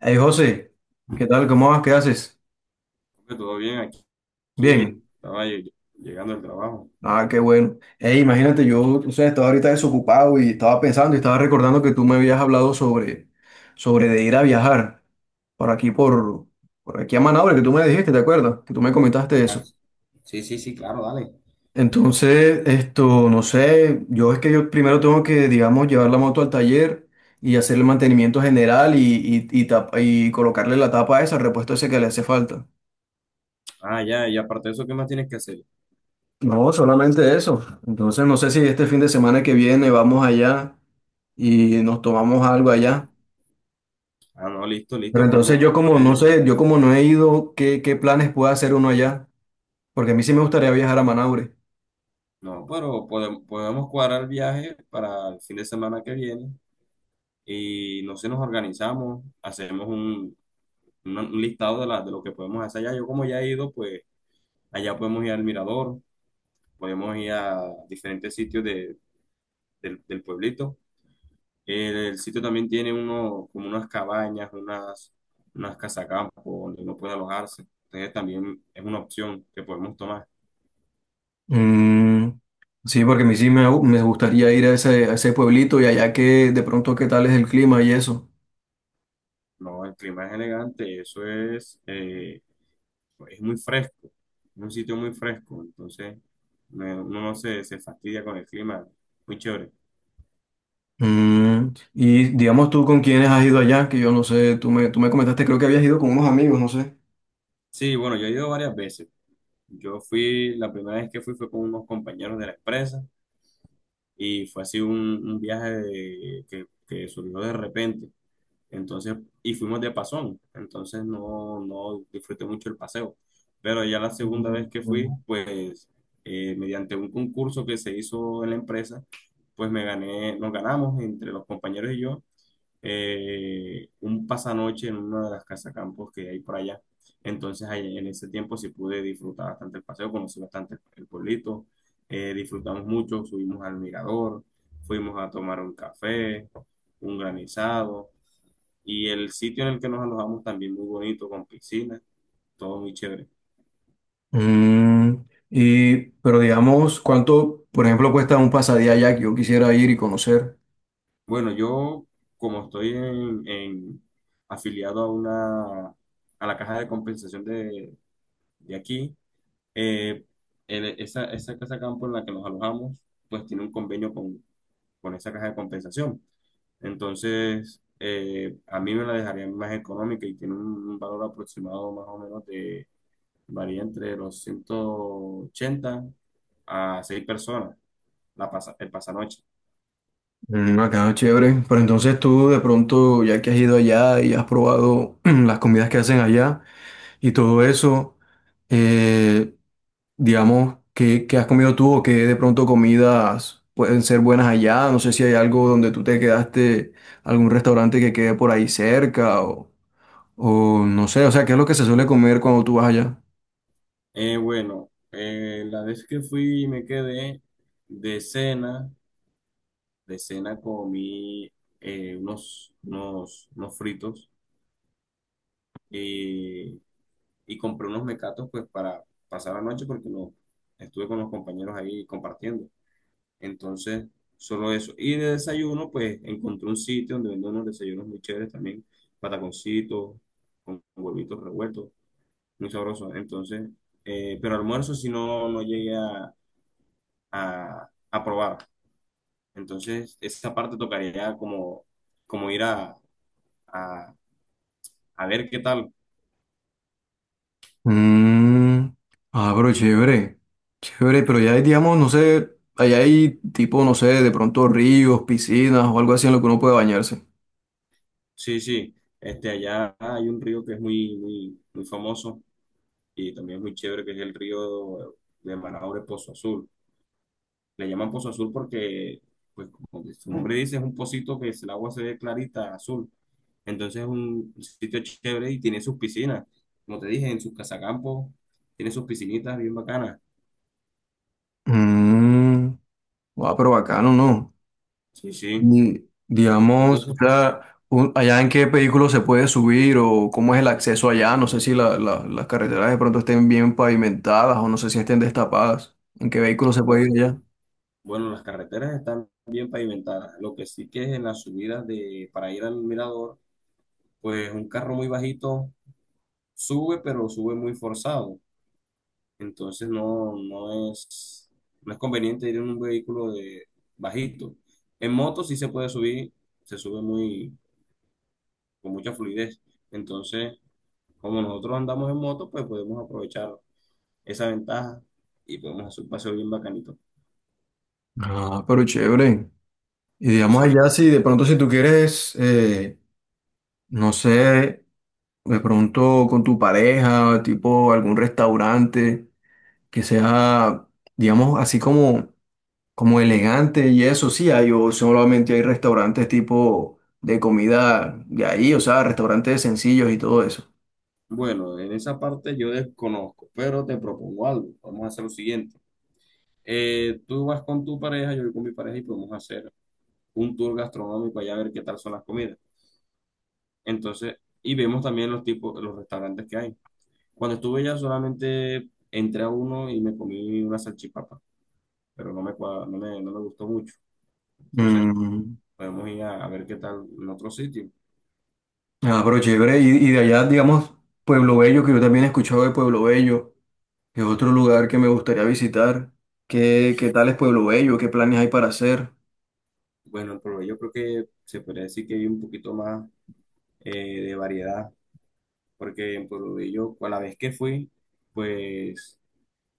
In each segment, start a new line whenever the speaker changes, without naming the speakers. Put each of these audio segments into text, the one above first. Hey José, ¿qué tal? ¿Cómo vas? ¿Qué haces?
Hombre, todo bien aquí,
Bien.
estaba llegando al trabajo.
Ah, qué bueno. Hey, imagínate, yo, tú sabes, estaba ahorita desocupado y estaba pensando y estaba recordando que tú me habías hablado sobre de ir a viajar por aquí, por aquí a Manaure, que tú me dijiste, ¿te acuerdas? Que tú me comentaste
Ah,
eso.
sí, sí, sí, claro, dale.
Entonces, esto, no sé, yo es que yo primero tengo que, digamos, llevar la moto al taller y hacer el mantenimiento general y colocarle la tapa esa, el repuesto ese que le hace falta.
Ah, ya, y aparte de eso, ¿qué más tienes que hacer?
No, solamente eso. Entonces no sé si este fin de semana que viene vamos allá y nos tomamos algo allá.
Ah, no, listo,
Pero
listo,
entonces
podemos.
yo como no
eh,
sé, yo como no he ido, ¿qué, qué planes puede hacer uno allá? Porque a mí sí me gustaría viajar a Manaure.
no, pero podemos cuadrar el viaje para el fin de semana que viene y no sé, nos organizamos, hacemos un listado de lo que podemos hacer allá. Yo como ya he ido, pues allá podemos ir al mirador, podemos ir a diferentes sitios del pueblito. El sitio también tiene uno, como unas cabañas, unas casacampo donde uno puede alojarse. Entonces también es una opción que podemos tomar.
Mm, sí, porque a mí sí me gustaría ir a ese pueblito y allá que de pronto qué tal es el clima y eso.
No, el clima es elegante, eso es muy fresco, es un sitio muy fresco, entonces uno no se fastidia con el clima, muy chévere.
Mm, y digamos tú con quiénes has ido allá, que yo no sé, tú me comentaste, creo que habías ido con unos amigos, no sé.
Sí, bueno, yo he ido varias veces. Yo fui, la primera vez que fui fue con unos compañeros de la empresa y fue así un viaje que surgió de repente. Entonces, y fuimos de pasón, entonces no disfruté mucho el paseo. Pero ya la segunda vez que fui,
Mm.
pues mediante un concurso que se hizo en la empresa, pues me gané, nos ganamos entre los compañeros y yo un pasanoche en una de las casacampos que hay por allá. Entonces, ahí en ese tiempo sí pude disfrutar bastante el paseo, conocí bastante el pueblito, disfrutamos mucho, subimos al mirador, fuimos a tomar un café, un granizado y el sitio en el que nos alojamos también muy bonito, con piscina, todo muy chévere.
Mm, y, pero digamos, ¿cuánto, por ejemplo, cuesta un pasadía allá que yo quisiera ir y conocer?
Bueno, yo como estoy afiliado a a la caja de compensación de aquí, eh, en esa casa campo en la que nos alojamos, pues tiene un convenio con esa caja de compensación. Entonces, a mí me la dejarían más económica y tiene un valor aproximado más o menos varía entre los 180 a 6 personas. El pasanoche.
Mm, acá chévere. Pero entonces tú de pronto, ya que has ido allá y has probado las comidas que hacen allá y todo eso, eh, digamos, ¿qué, qué has comido tú o qué de pronto comidas pueden ser buenas allá? No sé si hay algo donde tú te quedaste, algún restaurante que quede por ahí cerca o no sé, o sea, ¿qué es lo que se suele comer cuando tú vas allá?
Bueno, la vez que fui y me quedé de cena, de cena comí unos fritos, eh, y compré unos mecatos pues para pasar la noche porque no, estuve con los compañeros ahí compartiendo. Entonces, solo eso. Y de desayuno pues encontré un sitio donde venden unos desayunos muy chéveres también, pataconcitos, con huevitos revueltos muy sabroso. Entonces, pero almuerzo si no llegué a probar. Entonces, esa parte tocaría como, como ir a, a ver qué tal.
Mm, ah, pero chévere, chévere, pero ya hay, digamos, no sé, allá hay tipo, no sé, de pronto ríos, piscinas o algo así en lo que uno puede bañarse.
Sí, sí. Este, allá hay un río que es muy, muy, muy famoso y también es muy chévere, que es el río de Manaure Pozo Azul. Le llaman pozo azul porque, pues como que su nombre dice, es un pocito el agua se ve clarita, azul. Entonces es un sitio chévere y tiene sus piscinas. Como te dije, en sus casacampos, tiene sus piscinitas bien bacanas.
Mm, ah, pero bacano, ¿no?
Sí, sí.
Y, digamos, o
Entonces,
sea, allá en qué vehículo se puede subir o cómo es el acceso allá, no sé si las carreteras de pronto estén bien pavimentadas o no sé si estén destapadas, en qué vehículo se puede ir
bueno,
allá.
bueno, las carreteras están bien pavimentadas. Lo que sí que es en las subidas para ir al mirador, pues un carro muy bajito sube, pero sube muy forzado. Entonces no es conveniente ir en un vehículo de bajito. En moto sí se puede subir, se sube con mucha fluidez. Entonces, como nosotros andamos en moto, pues podemos aprovechar esa ventaja y podemos hacer un paseo bien bacanito.
Ah, pero chévere. Y
Sí,
digamos
sí.
allá, si de pronto si tú quieres... No sé, de pronto con tu pareja, tipo algún restaurante que sea, digamos, así como, como elegante y eso, sí, hay, o solamente hay restaurantes tipo de comida de ahí, o sea, restaurantes sencillos y todo eso.
Bueno, en esa parte yo desconozco, pero te propongo algo. Vamos a hacer lo siguiente. Tú vas con tu pareja, yo voy con mi pareja y podemos hacer un tour gastronómico allá a ver qué tal son las comidas. Entonces, y vemos también los tipos, los restaurantes que hay. Cuando estuve ya solamente entré a uno y me comí una salchipapa, pero no me, cua- no me, no me gustó mucho. Entonces,
Mm,
podemos ir a ver qué tal en otro sitio.
ah, pero chévere, y de allá, digamos, Pueblo Bello, que yo también he escuchado de Pueblo Bello, que es otro lugar que me gustaría visitar. ¿Qué, qué tal es Pueblo Bello? ¿Qué planes hay para hacer?
Bueno, en Pueblo creo que se podría decir que hay un poquito más de variedad, porque en Pueblo Bello, a la vez que fui, pues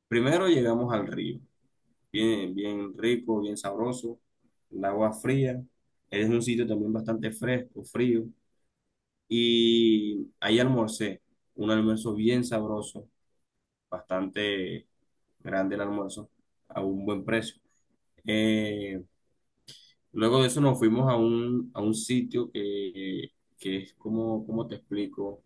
primero llegamos al río, bien, bien rico, bien sabroso, el agua fría, es un sitio también bastante fresco, frío. Y ahí almorcé, un almuerzo bien sabroso, bastante grande el almuerzo, a un buen precio. Eh, luego de eso nos fuimos a un sitio que es como, ¿cómo te explico?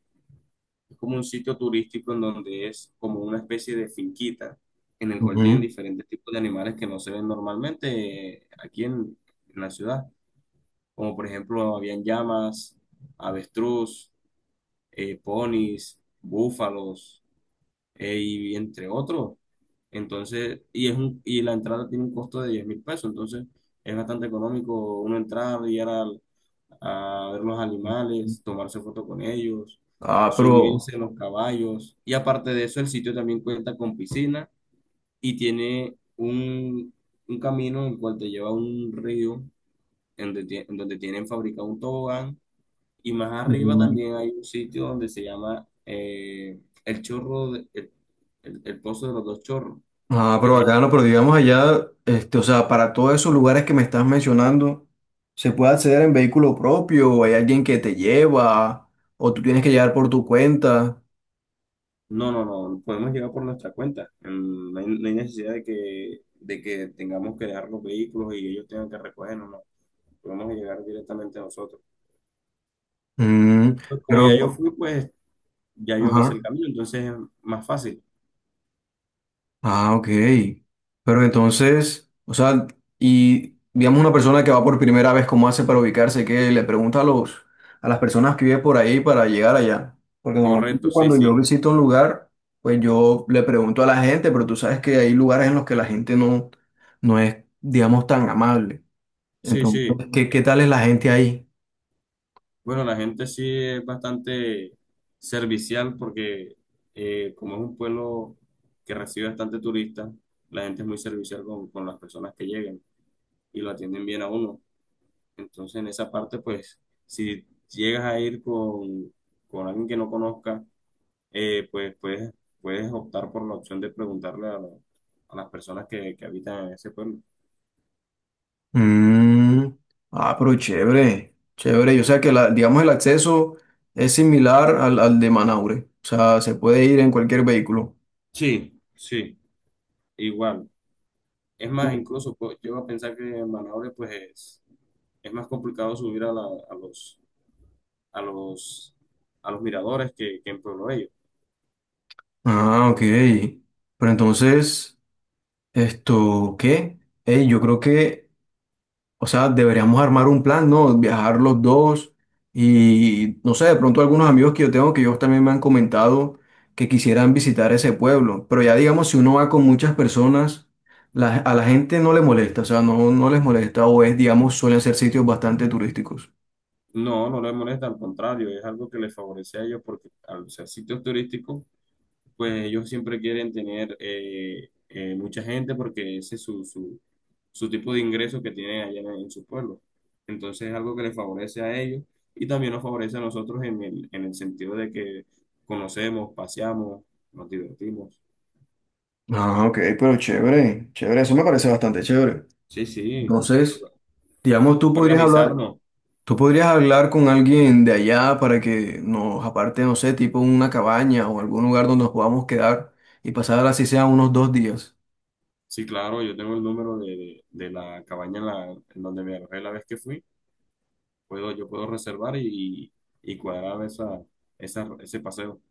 Es como un sitio turístico en donde es como una especie de finquita en el cual tienen
Ujú.
diferentes tipos de animales que no se ven normalmente aquí en la ciudad. Como por ejemplo, habían llamas, avestruz, ponis, búfalos, y entre otros. Entonces, y la entrada tiene un costo de 10.000 pesos, entonces es bastante económico uno entrar, y ir a ver los animales, tomarse foto con ellos,
Ah, pero
subirse en los caballos. Y aparte de eso, el sitio también cuenta con piscina y tiene un camino en el cual te lleva a un río en donde tienen fabricado un tobogán y más arriba
Mm.
también hay un sitio donde se llama el chorro, el pozo de los dos chorros,
Ah,
que es
pero
un-
bacano, pero digamos allá, este, o sea, para todos esos lugares que me estás mencionando, ¿se puede acceder en vehículo propio o hay alguien que te lleva o tú tienes que llegar por tu cuenta?
no, no, no, podemos llegar por nuestra cuenta. No hay, no hay necesidad de que tengamos que dejar los vehículos y ellos tengan que recogernos, no. Podemos llegar directamente nosotros.
Mm,
Pues como ya yo
pero,
fui, pues ya yo me sé el
ajá.
camino, entonces es más fácil.
Ah, ok. Pero entonces, o sea, y digamos una persona que va por primera vez, ¿cómo hace para ubicarse? ¿Qué le pregunta a los, a las personas que viven por ahí para llegar allá? Porque normalmente
Correcto, sí,
cuando yo
sí.
visito un lugar, pues yo le pregunto a la gente, pero tú sabes que hay lugares en los que la gente no, no es, digamos, tan amable.
Sí, sí.
Entonces, ¿qué, qué tal es la gente ahí?
Bueno, la gente sí es bastante servicial porque, como es un pueblo que recibe bastante turistas, la gente es muy servicial con las personas que lleguen y lo atienden bien a uno. Entonces, en esa parte, pues, si llegas a ir con alguien que no conozca, pues puedes optar por la opción de preguntarle a las personas que habitan en ese pueblo.
Mm, ah, pero chévere, chévere. Yo sé que la, digamos el acceso es similar al, al de Manaure. O sea, se puede ir en cualquier vehículo.
Sí, sí, igual. Es más, incluso pues, llego a pensar que Manaure, pues es más complicado subir a, la- a los, a los, a los miradores que en Pueblo Bello.
Ah, ok. Pero entonces, esto, ¿qué? Ey, yo creo que o sea, deberíamos armar un plan, ¿no? Viajar los dos y, no sé, de pronto algunos amigos que yo tengo que ellos también me han comentado que quisieran visitar ese pueblo. Pero ya digamos, si uno va con muchas personas, a la gente no le molesta, o sea, no, no les molesta o es, digamos, suelen ser sitios bastante turísticos.
No, no les molesta, al contrario, es algo que les favorece a ellos porque al ser sitios turísticos, pues ellos siempre quieren tener mucha gente porque ese es su tipo de ingreso que tienen allá en su pueblo. Entonces es algo que les favorece a ellos y también nos favorece a nosotros en el sentido de que conocemos, paseamos, nos divertimos.
Ah, ok, pero chévere, chévere, eso me parece bastante chévere.
Sí, sí,
Entonces,
toca
digamos, tú
toca
podrías hablar
organizarnos.
Tú podrías hablar con alguien de allá para que nos aparte, no sé, tipo una cabaña o algún lugar donde nos podamos quedar y pasar así sea unos dos días.
Sí, claro, yo tengo el número de la cabaña, en donde me alojé la vez que fui. Yo puedo reservar y cuadrar ese paseo.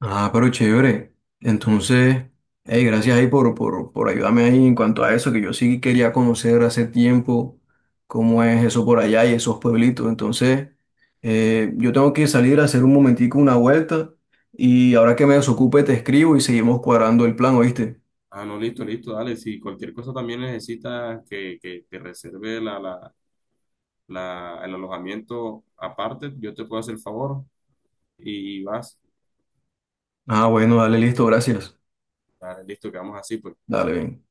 Ah, pero chévere. Entonces, hey, gracias ahí por ayudarme ahí en cuanto a eso, que yo sí quería conocer hace tiempo cómo es eso por allá y esos pueblitos. Entonces, yo tengo que salir a hacer un momentico una vuelta y ahora que me desocupe te escribo y seguimos cuadrando el plan, ¿oíste?
Ah, no, listo, listo, dale. Si cualquier cosa también necesitas que te reserve el alojamiento aparte, yo te puedo hacer el favor y vas.
Ah, bueno, dale, listo, gracias.
Dale, listo, quedamos así, pues.
Dale, ven.